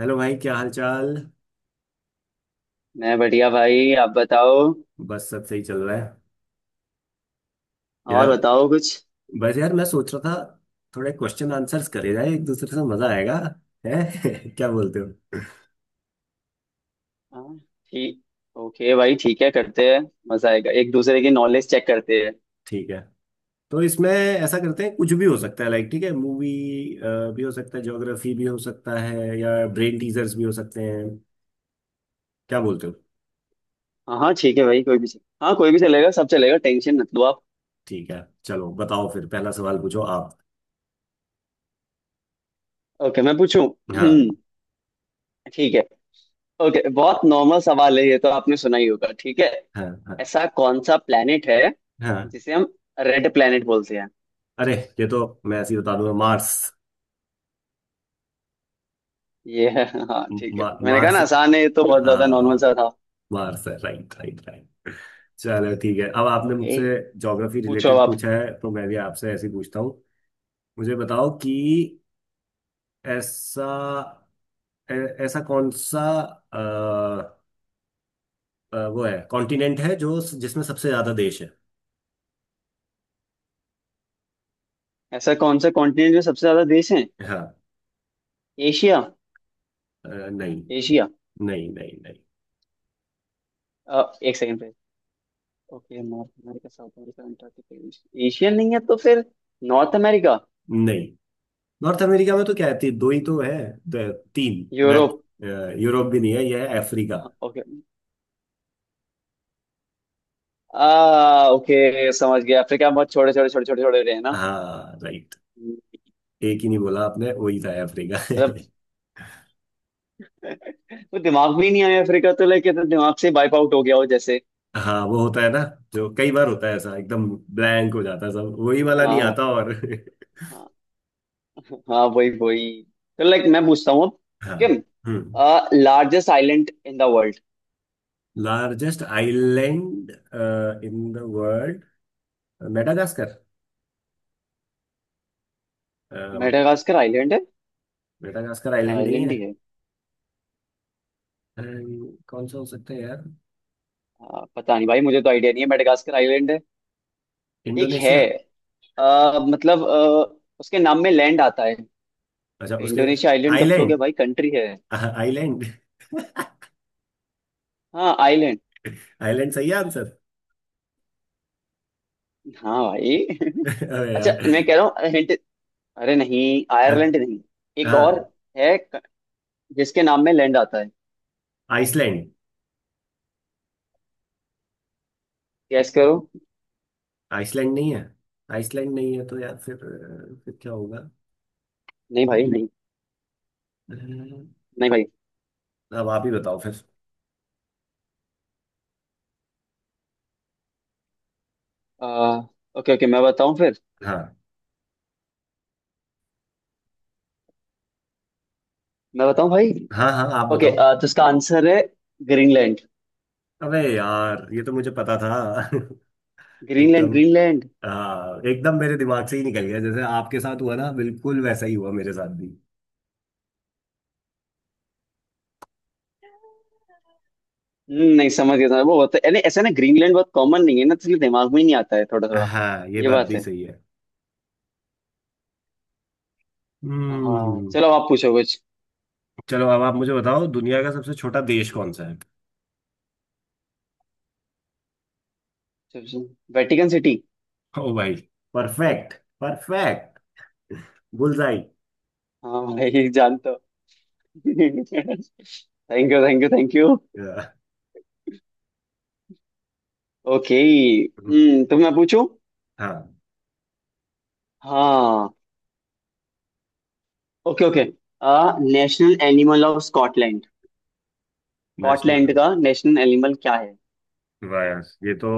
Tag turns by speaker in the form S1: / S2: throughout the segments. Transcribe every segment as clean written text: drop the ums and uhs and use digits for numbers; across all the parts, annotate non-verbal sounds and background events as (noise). S1: Hello भाई, क्या हाल चाल।
S2: मैं बढ़िया भाई। आप बताओ।
S1: बस सब सही चल रहा है।
S2: और
S1: यार,
S2: बताओ कुछ।
S1: बस यार मैं सोच रहा था थोड़े क्वेश्चन आंसर्स करे जाए एक दूसरे से, मजा आएगा। है (laughs) क्या बोलते हो।
S2: हाँ, ठीक। ओके भाई, ठीक है, करते हैं। मजा आएगा, एक दूसरे की नॉलेज चेक करते हैं।
S1: ठीक है, तो इसमें ऐसा करते हैं, कुछ भी हो सकता है लाइक, ठीक है, मूवी भी हो सकता है, ज्योग्राफी भी हो सकता है, या ब्रेन टीजर्स भी हो सकते हैं। क्या बोलते हो।
S2: हाँ हाँ ठीक है भाई, हाँ कोई भी चलेगा, सब चलेगा, टेंशन मत लो आप।
S1: ठीक है, चलो बताओ फिर, पहला सवाल पूछो आप।
S2: ओके, मैं पूछूं।
S1: हाँ।
S2: ठीक है। ओके, बहुत नॉर्मल सवाल है ये, तो आपने सुना ही होगा, ठीक है।
S1: हाँ। हाँ।
S2: ऐसा कौन सा प्लेनेट है
S1: हाँ।
S2: जिसे हम रेड प्लेनेट बोलते हैं।
S1: अरे, ये तो, मैं ऐसे ही बता दूंगा, मार्स।
S2: ये है, हाँ ठीक है, मैंने कहा
S1: मार्स।
S2: ना आसान है, ये तो
S1: आ,
S2: बहुत ज्यादा नॉर्मल सा था।
S1: बाहर से। Right right right. चलो ठीक है, अब आपने
S2: ओके,
S1: मुझसे ज्योग्राफी
S2: पूछो अब
S1: रिलेटेड
S2: आप।
S1: पूछा है तो मैं भी आपसे ऐसे ही पूछता हूँ। मुझे बताओ कि ऐसा, ऐ- ऐसा कौन सा अ, वो है कॉन्टिनेंट है जो जिसमें सबसे ज्यादा देश है।
S2: ऐसा कौन सा कॉन्टिनेंट में सबसे ज्यादा देश है।
S1: हाँ।
S2: एशिया।
S1: नहीं
S2: एशिया।
S1: नहीं। नहीं नहीं
S2: एक सेकंड पे। Okay, North America, South America, Antarctica, Asia नहीं है तो फिर नॉर्थ अमेरिका।
S1: नहीं। नॉर्थ अमेरिका में तो क्या है, दो ही तो है। तीन मैक।
S2: यूरोप।
S1: यूरोप भी नहीं है, यह है अफ्रीका।
S2: हाँ, ओके। आ ओके समझ गया, अफ्रीका बहुत छोटे छोटे छोटे छोटे छोटे रहे हैं ना।
S1: हाँ राइट।
S2: हम्म,
S1: एक ही नहीं बोला आपने, वही था अफ्रीका।
S2: मतलब
S1: (laughs)
S2: (laughs) वो दिमाग में ही नहीं आया, अफ्रीका तो लाइक तो दिमाग से वाइप आउट हो गया हो जैसे।
S1: हाँ, वो होता है ना, जो कई बार होता है ऐसा, एकदम ब्लैंक हो जाता है, सब वही वाला नहीं
S2: हाँ,
S1: आता और।
S2: हाँ। हाँ वही वही तो लाइक मैं पूछता हूँ अब।
S1: (laughs) हाँ।
S2: सिक्किम
S1: हम्म।
S2: Largest island in the world.
S1: Largest island in the world. Madagascar.
S2: Madagascar island है।
S1: मेडागास्कर आइलैंड नहीं
S2: आइलैंड ही
S1: है।
S2: है।
S1: कौन सा हो सकता है यार।
S2: पता नहीं भाई, मुझे तो आइडिया नहीं है, मेडागास्कर आइलैंड है। एक है।
S1: इंडोनेशिया।
S2: आ, मतलब आ, उसके नाम में लैंड आता है।
S1: अच्छा उसके।
S2: इंडोनेशिया आइलैंड कब से हो
S1: आइलैंड,
S2: गया भाई, कंट्री है।
S1: आइलैंड,
S2: हाँ, आइलैंड।
S1: आइलैंड सही है आंसर।
S2: हाँ भाई (laughs)
S1: (laughs) अरे
S2: अच्छा
S1: यार।
S2: मैं कह रहा हूँ हिंट। अरे नहीं,
S1: अ,
S2: आयरलैंड नहीं। एक और
S1: हाँ,
S2: है जिसके नाम में लैंड आता है।
S1: आइसलैंड।
S2: गैस करो।
S1: आइसलैंड नहीं है। आइसलैंड नहीं है तो यार फिर फिर क्या होगा।
S2: नहीं भाई, नहीं।
S1: अ,
S2: नहीं भाई।
S1: अब आप ही बताओ फिर।
S2: आ, ओके ओके, मैं बताऊँ फिर।
S1: हाँ।
S2: मैं बताऊँ भाई।
S1: हाँ हाँ आप
S2: ओके,
S1: बताओ।
S2: तो इसका आंसर है ग्रीनलैंड।
S1: अबे यार, ये तो मुझे पता था। (laughs)
S2: ग्रीनलैंड
S1: एकदम।
S2: ग्रीनलैंड
S1: हाँ, एकदम मेरे दिमाग से ही निकल गया, जैसे आपके साथ हुआ ना, बिल्कुल वैसा ही हुआ मेरे साथ भी।
S2: नहीं समझ गया, समझ वो होता है, यानी ऐसा ना, ग्रीनलैंड बहुत कॉमन नहीं है ना, तो इसलिए दिमाग में ही नहीं आता है थोड़ा थोड़ा।
S1: हाँ, ये
S2: ये
S1: बात
S2: बात
S1: भी
S2: है।
S1: सही है।
S2: हाँ
S1: हम्म।
S2: चलो, आप पूछो कुछ।
S1: चलो अब आप मुझे बताओ, दुनिया का सबसे छोटा देश कौन सा है।
S2: Vatican city.
S1: ओ भाई, परफेक्ट। परफेक्ट। बुलजाई।
S2: हाँ भाई जानता हूँ। (laughs) Thank you thank you thank you. Okay, hmm, तो मैं पूछूं।
S1: हाँ।
S2: हाँ। Okay okay. National animal of Scotland. Scotland
S1: national
S2: का नेशनल एनिमल क्या है।
S1: वायर्स ये तो,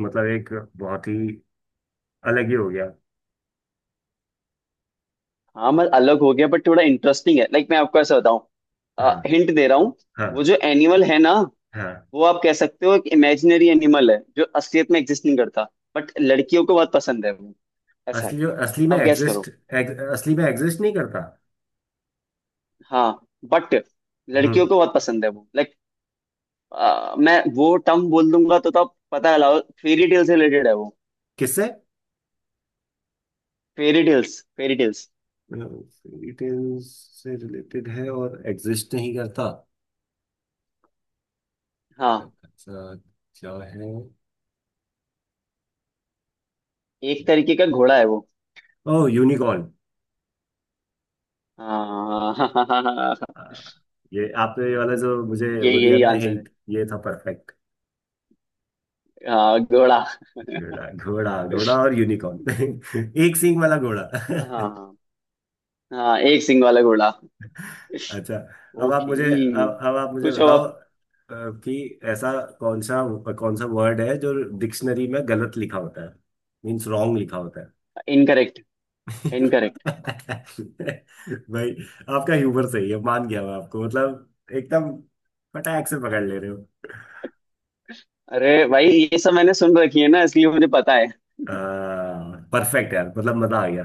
S1: मतलब एक बहुत ही अलग ही हो गया।
S2: हाँ, मतलब अलग हो गया, बट थोड़ा इंटरेस्टिंग है, लाइक मैं आपको ऐसा बताऊं,
S1: हाँ।
S2: हिंट दे रहा हूँ। वो
S1: हाँ।
S2: जो एनिमल है ना,
S1: हाँ।
S2: वो आप कह सकते हो एक इमेजिनरी एनिमल है, जो असलियत में एग्जिस्ट नहीं करता। बट लड़कियों को बहुत पसंद है वो। ऐसा है।
S1: असली, असली में
S2: आप गैस
S1: एग्जिस्ट।
S2: करो।
S1: असली में एग्जिस्ट नहीं करता।
S2: हाँ। बट
S1: हम्म।
S2: लड़कियों को बहुत पसंद है वो, लाइक मैं वो टर्म बोल दूंगा तो आप पता लगाओ, फेरी टेल से रिलेटेड है वो।
S1: किससे।
S2: Fairy tales.
S1: डिटेल्स से रिलेटेड है और एग्जिस्ट नहीं करता,
S2: हाँ।
S1: ऐसा, क्या है।
S2: एक तरीके का घोड़ा है वो।
S1: ओह, यूनिकॉर्न।
S2: हाँ (laughs)
S1: ये आपने ये वाला जो मुझे
S2: यही
S1: वो दिया
S2: यही
S1: ना
S2: आंसर है।
S1: हिंट, ये था परफेक्ट।
S2: हाँ, घोड़ा। (laughs)
S1: घोड़ा, घोड़ा, घोड़ा और यूनिकॉर्न। (laughs) एक सींग वाला घोड़ा। (laughs)
S2: हाँ, हाँ एक सिंग वाला घोड़ा
S1: अच्छा,
S2: (laughs)
S1: अब आप मुझे,
S2: ओके,
S1: अब आप मुझे
S2: पूछो
S1: बताओ
S2: आप।
S1: कि ऐसा कौन सा, कौन सा वर्ड है जो डिक्शनरी में गलत लिखा होता है, मीन्स रॉन्ग लिखा होता है।
S2: इनकरेक्ट।
S1: (laughs)
S2: इनकरेक्ट।
S1: भाई, आपका ह्यूमर सही है, मान गया मैं आपको, मतलब एकदम फटाक से पकड़ ले रहे हो।
S2: अरे भाई, ये सब मैंने सुन रखी है ना, इसलिए मुझे पता है।
S1: परफेक्ट यार, मतलब मजा आ गया।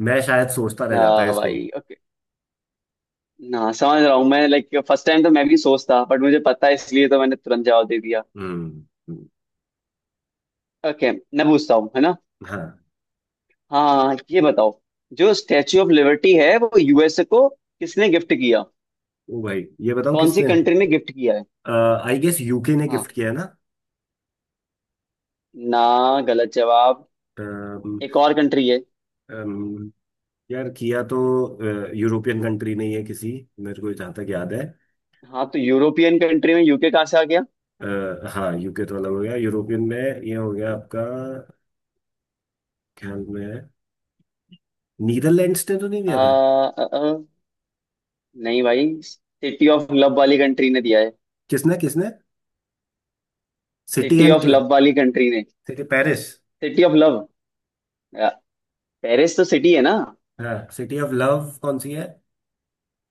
S1: मैं शायद सोचता रह
S2: ना
S1: जाता है इसको।
S2: भाई, ओके। ना समझ रहा हूँ मैं, लाइक फर्स्ट टाइम तो मैं भी सोचता, बट मुझे पता है, इसलिए तो मैंने तुरंत जवाब दे दिया।
S1: हम्म। हम्म।
S2: ओके मैं पूछता हूँ, है ना।
S1: हाँ।
S2: हाँ, ये बताओ, जो स्टैच्यू ऑफ लिबर्टी है वो यूएसए को किसने गिफ्ट किया।
S1: ओ भाई, ये बताओ
S2: कौन सी
S1: किसने।
S2: कंट्री ने गिफ्ट किया है।
S1: आई गेस यूके ने
S2: हाँ।
S1: गिफ्ट किया है।
S2: ना, गलत जवाब।
S1: ना।
S2: एक और कंट्री है।
S1: यार, किया तो यूरोपियन कंट्री नहीं है किसी, मेरे को जहाँ तक याद है।
S2: हाँ, तो यूरोपियन कंट्री में यूके कहाँ से आ गया।
S1: हाँ, यूके तो अलग हो गया यूरोपियन में, ये हो गया आपका ख्याल में। नीदरलैंड्स ने तो नहीं
S2: आ,
S1: दिया था।
S2: आ, आ, नहीं भाई, सिटी ऑफ लव वाली कंट्री ने दिया है।
S1: किसने, किसने। City
S2: city
S1: and.
S2: Of love वाली कंट्री ने।
S1: City, Paris.
S2: City of love. Paris तो सिटी है ना।
S1: हाँ, सिटी ऑफ लव कौन सी है।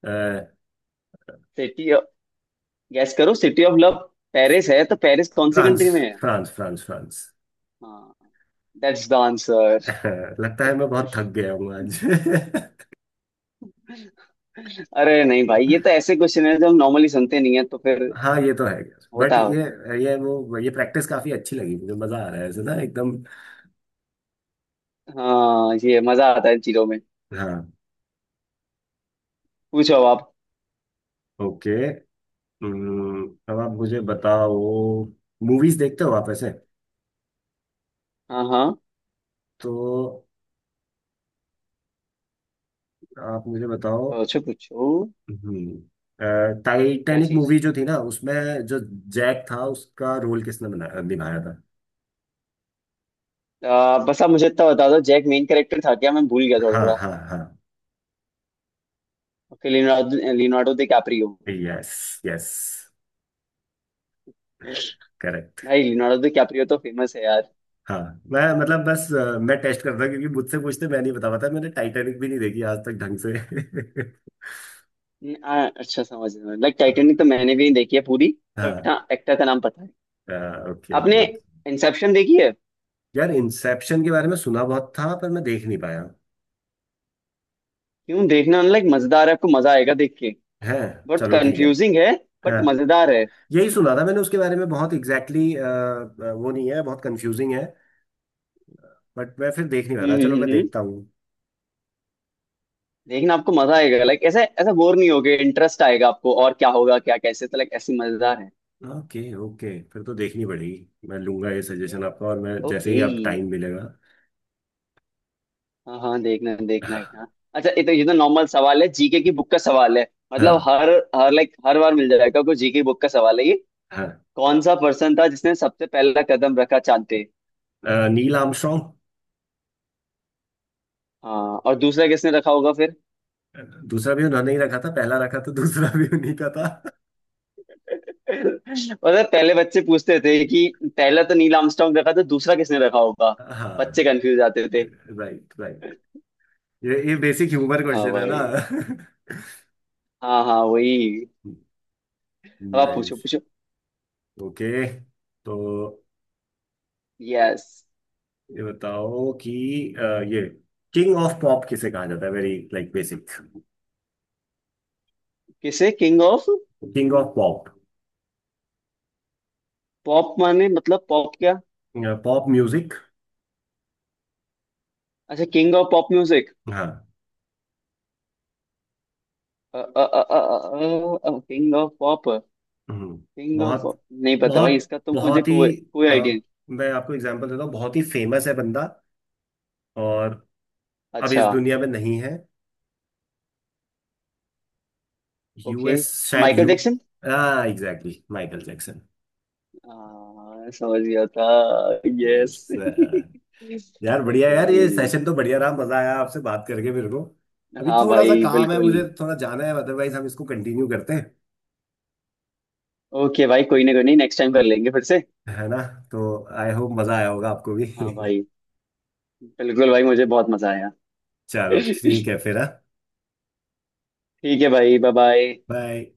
S1: अ,
S2: सिटी ऑफ, गैस करो, सिटी ऑफ लव। पेरिस है, तो पेरिस कौन सी
S1: फ्रांस।
S2: कंट्री में है।
S1: France, France, France.
S2: हाँ, दैट्स द आंसर।
S1: (laughs) लगता है मैं बहुत थक गया हूँ आज। (laughs)
S2: अरे नहीं भाई, ये तो ऐसे क्वेश्चन है जो हम नॉर्मली सुनते नहीं है, तो फिर
S1: हाँ, ये तो है यार, बट
S2: होता होता है।
S1: ये वो ये प्रैक्टिस काफी अच्छी लगी मुझे, मजा आ रहा है ऐसे ना एकदम।
S2: हाँ, ये मजा आता है इन चीजों में।
S1: हाँ।
S2: पूछो अब आप।
S1: ओके। अब आप मुझे बताओ, मूवीज देखते हो आप ऐसे।
S2: हाँ हाँ।
S1: तो आप मुझे बताओ।
S2: पूछो पूछो।
S1: हम्म,
S2: क्या
S1: टाइटैनिक
S2: चीज।
S1: मूवी जो थी ना उसमें, जो जैक था, उसका रोल किसने बना निभाया था।
S2: बस आप मुझे इतना बता दो, जैक मेन कैरेक्टर था क्या, मैं भूल गया थोड़ा
S1: हाँ
S2: थोड़ा।
S1: हाँ हाँ।
S2: Okay, Leonardo Leonardo DiCaprio.
S1: Yes. Yes, correct.
S2: भाई, लियोनार्डो डिकैप्रियो तो फेमस है यार।
S1: हाँ, मैं मतलब बस, मैं टेस्ट कर रहा क्योंकि मुझसे पूछते मैं नहीं बता पाता, मैंने टाइटैनिक भी नहीं देखी आज तक ढंग से। (laughs)
S2: अच्छा समझ रहा हूँ। लाइक टाइटैनिक तो मैंने भी नहीं देखी है पूरी, बट
S1: हाँ।
S2: हाँ, एक्टर का नाम पता है।
S1: ओके
S2: आपने
S1: ओके।
S2: इंसेप्शन देखी है।
S1: यार, इंसेप्शन के बारे में सुना बहुत था पर मैं देख नहीं पाया।
S2: क्यों देखना, लाइक मजेदार है, आपको मजा आएगा देख के।
S1: है।
S2: बहुत
S1: चलो ठीक है।
S2: कंफ्यूजिंग है,
S1: हाँ।
S2: बट मजेदार है।
S1: यही सुना था मैंने उसके बारे में, बहुत एग्जैक्टली exactly, वो नहीं है, बहुत कंफ्यूजिंग है। बट मैं फिर देख नहीं रहा
S2: हम्म
S1: था,
S2: हम्म
S1: चलो मैं
S2: हम्म हम्म।
S1: देखता हूँ।
S2: देखना, आपको मजा आएगा, लाइक ऐसे ऐसा बोर नहीं होगे, इंटरेस्ट आएगा आपको, और क्या होगा क्या कैसे, तो लाइक ऐसी मजेदार है
S1: ओके ओके, फिर तो देखनी पड़ेगी, मैं लूंगा ये
S2: ये।
S1: सजेशन आपका और मैं जैसे
S2: ओके,
S1: ही आप टाइम मिलेगा।
S2: हाँ हाँ देखना देखना, हाँ। अच्छा ये तो, ये तो नॉर्मल सवाल है, जीके की बुक का सवाल है, मतलब
S1: हाँ।
S2: हर हर लाइक हर बार मिल जाएगा आपको, जीके बुक का सवाल है ये।
S1: हाँ।
S2: कौन सा पर्सन था जिसने सबसे पहला कदम रखा चांद पे।
S1: Neil Armstrong.
S2: हाँ, और दूसरा किसने रखा होगा फिर।
S1: दूसरा भी उन्होंने ही रखा था, पहला रखा था, दूसरा भी उन्हीं का था।
S2: (laughs) पता है, पहले बच्चे पूछते थे कि पहला तो नील आर्मस्ट्रांग रखा था, दूसरा किसने रखा होगा, अब बच्चे
S1: हाँ।
S2: कंफ्यूज आते थे।
S1: Right right. ये बेसिक ह्यूमर
S2: हाँ
S1: क्वेश्चन है ना।
S2: भाई।
S1: (laughs)
S2: हाँ हाँ वही अब आप पूछो
S1: नाइस।
S2: पूछो।
S1: ओके। तो
S2: यस।
S1: ये बताओ कि अ, ये किंग ऑफ पॉप किसे कहा जाता है, वेरी लाइक बेसिक।
S2: किसे king of
S1: king of pop.
S2: Pop माने, मतलब पॉप क्या।
S1: Pop music.
S2: अच्छा, किंग ऑफ पॉप म्यूजिक।
S1: हाँ।
S2: King of pop.
S1: Hmm.
S2: King of.
S1: बहुत,
S2: नहीं पता भाई,
S1: बहुत,
S2: इसका तो मुझे
S1: बहुत
S2: कोई
S1: ही
S2: कोई
S1: अ,
S2: आइडिया नहीं।
S1: मैं आपको एग्जांपल देता हूँ, बहुत ही फेमस है बंदा, और अब
S2: अच्छा,
S1: इस दुनिया में नहीं है।
S2: ओके,
S1: यूएस शायद
S2: माइकल
S1: यू।
S2: जैक्सन।
S1: हाँ, एग्जैक्टली माइकल जैक्सन।
S2: हाँ, समझ गया था। यस।
S1: यस। यार बढ़िया,
S2: ओके।
S1: यार ये सेशन तो बढ़िया रहा, मजा आया आपसे बात करके मेरे को।
S2: (laughs)
S1: अभी
S2: हाँ
S1: थोड़ा सा
S2: भाई,
S1: काम है
S2: बिल्कुल।
S1: मुझे, थोड़ा जाना है, अदरवाइज हम इसको कंटिन्यू करते हैं।
S2: ओके भाई, कोई ना, कोई नहीं, नेक्स्ट टाइम कर लेंगे फिर से।
S1: है ना। तो आई होप मजा आया होगा आपको भी।
S2: हाँ भाई, बिल्कुल भाई, मुझे बहुत मजा आया।
S1: (laughs)
S2: (laughs)
S1: चलो ठीक
S2: ठीक
S1: है फिर। हाँ।
S2: है भाई, बाय बाय।
S1: बाय।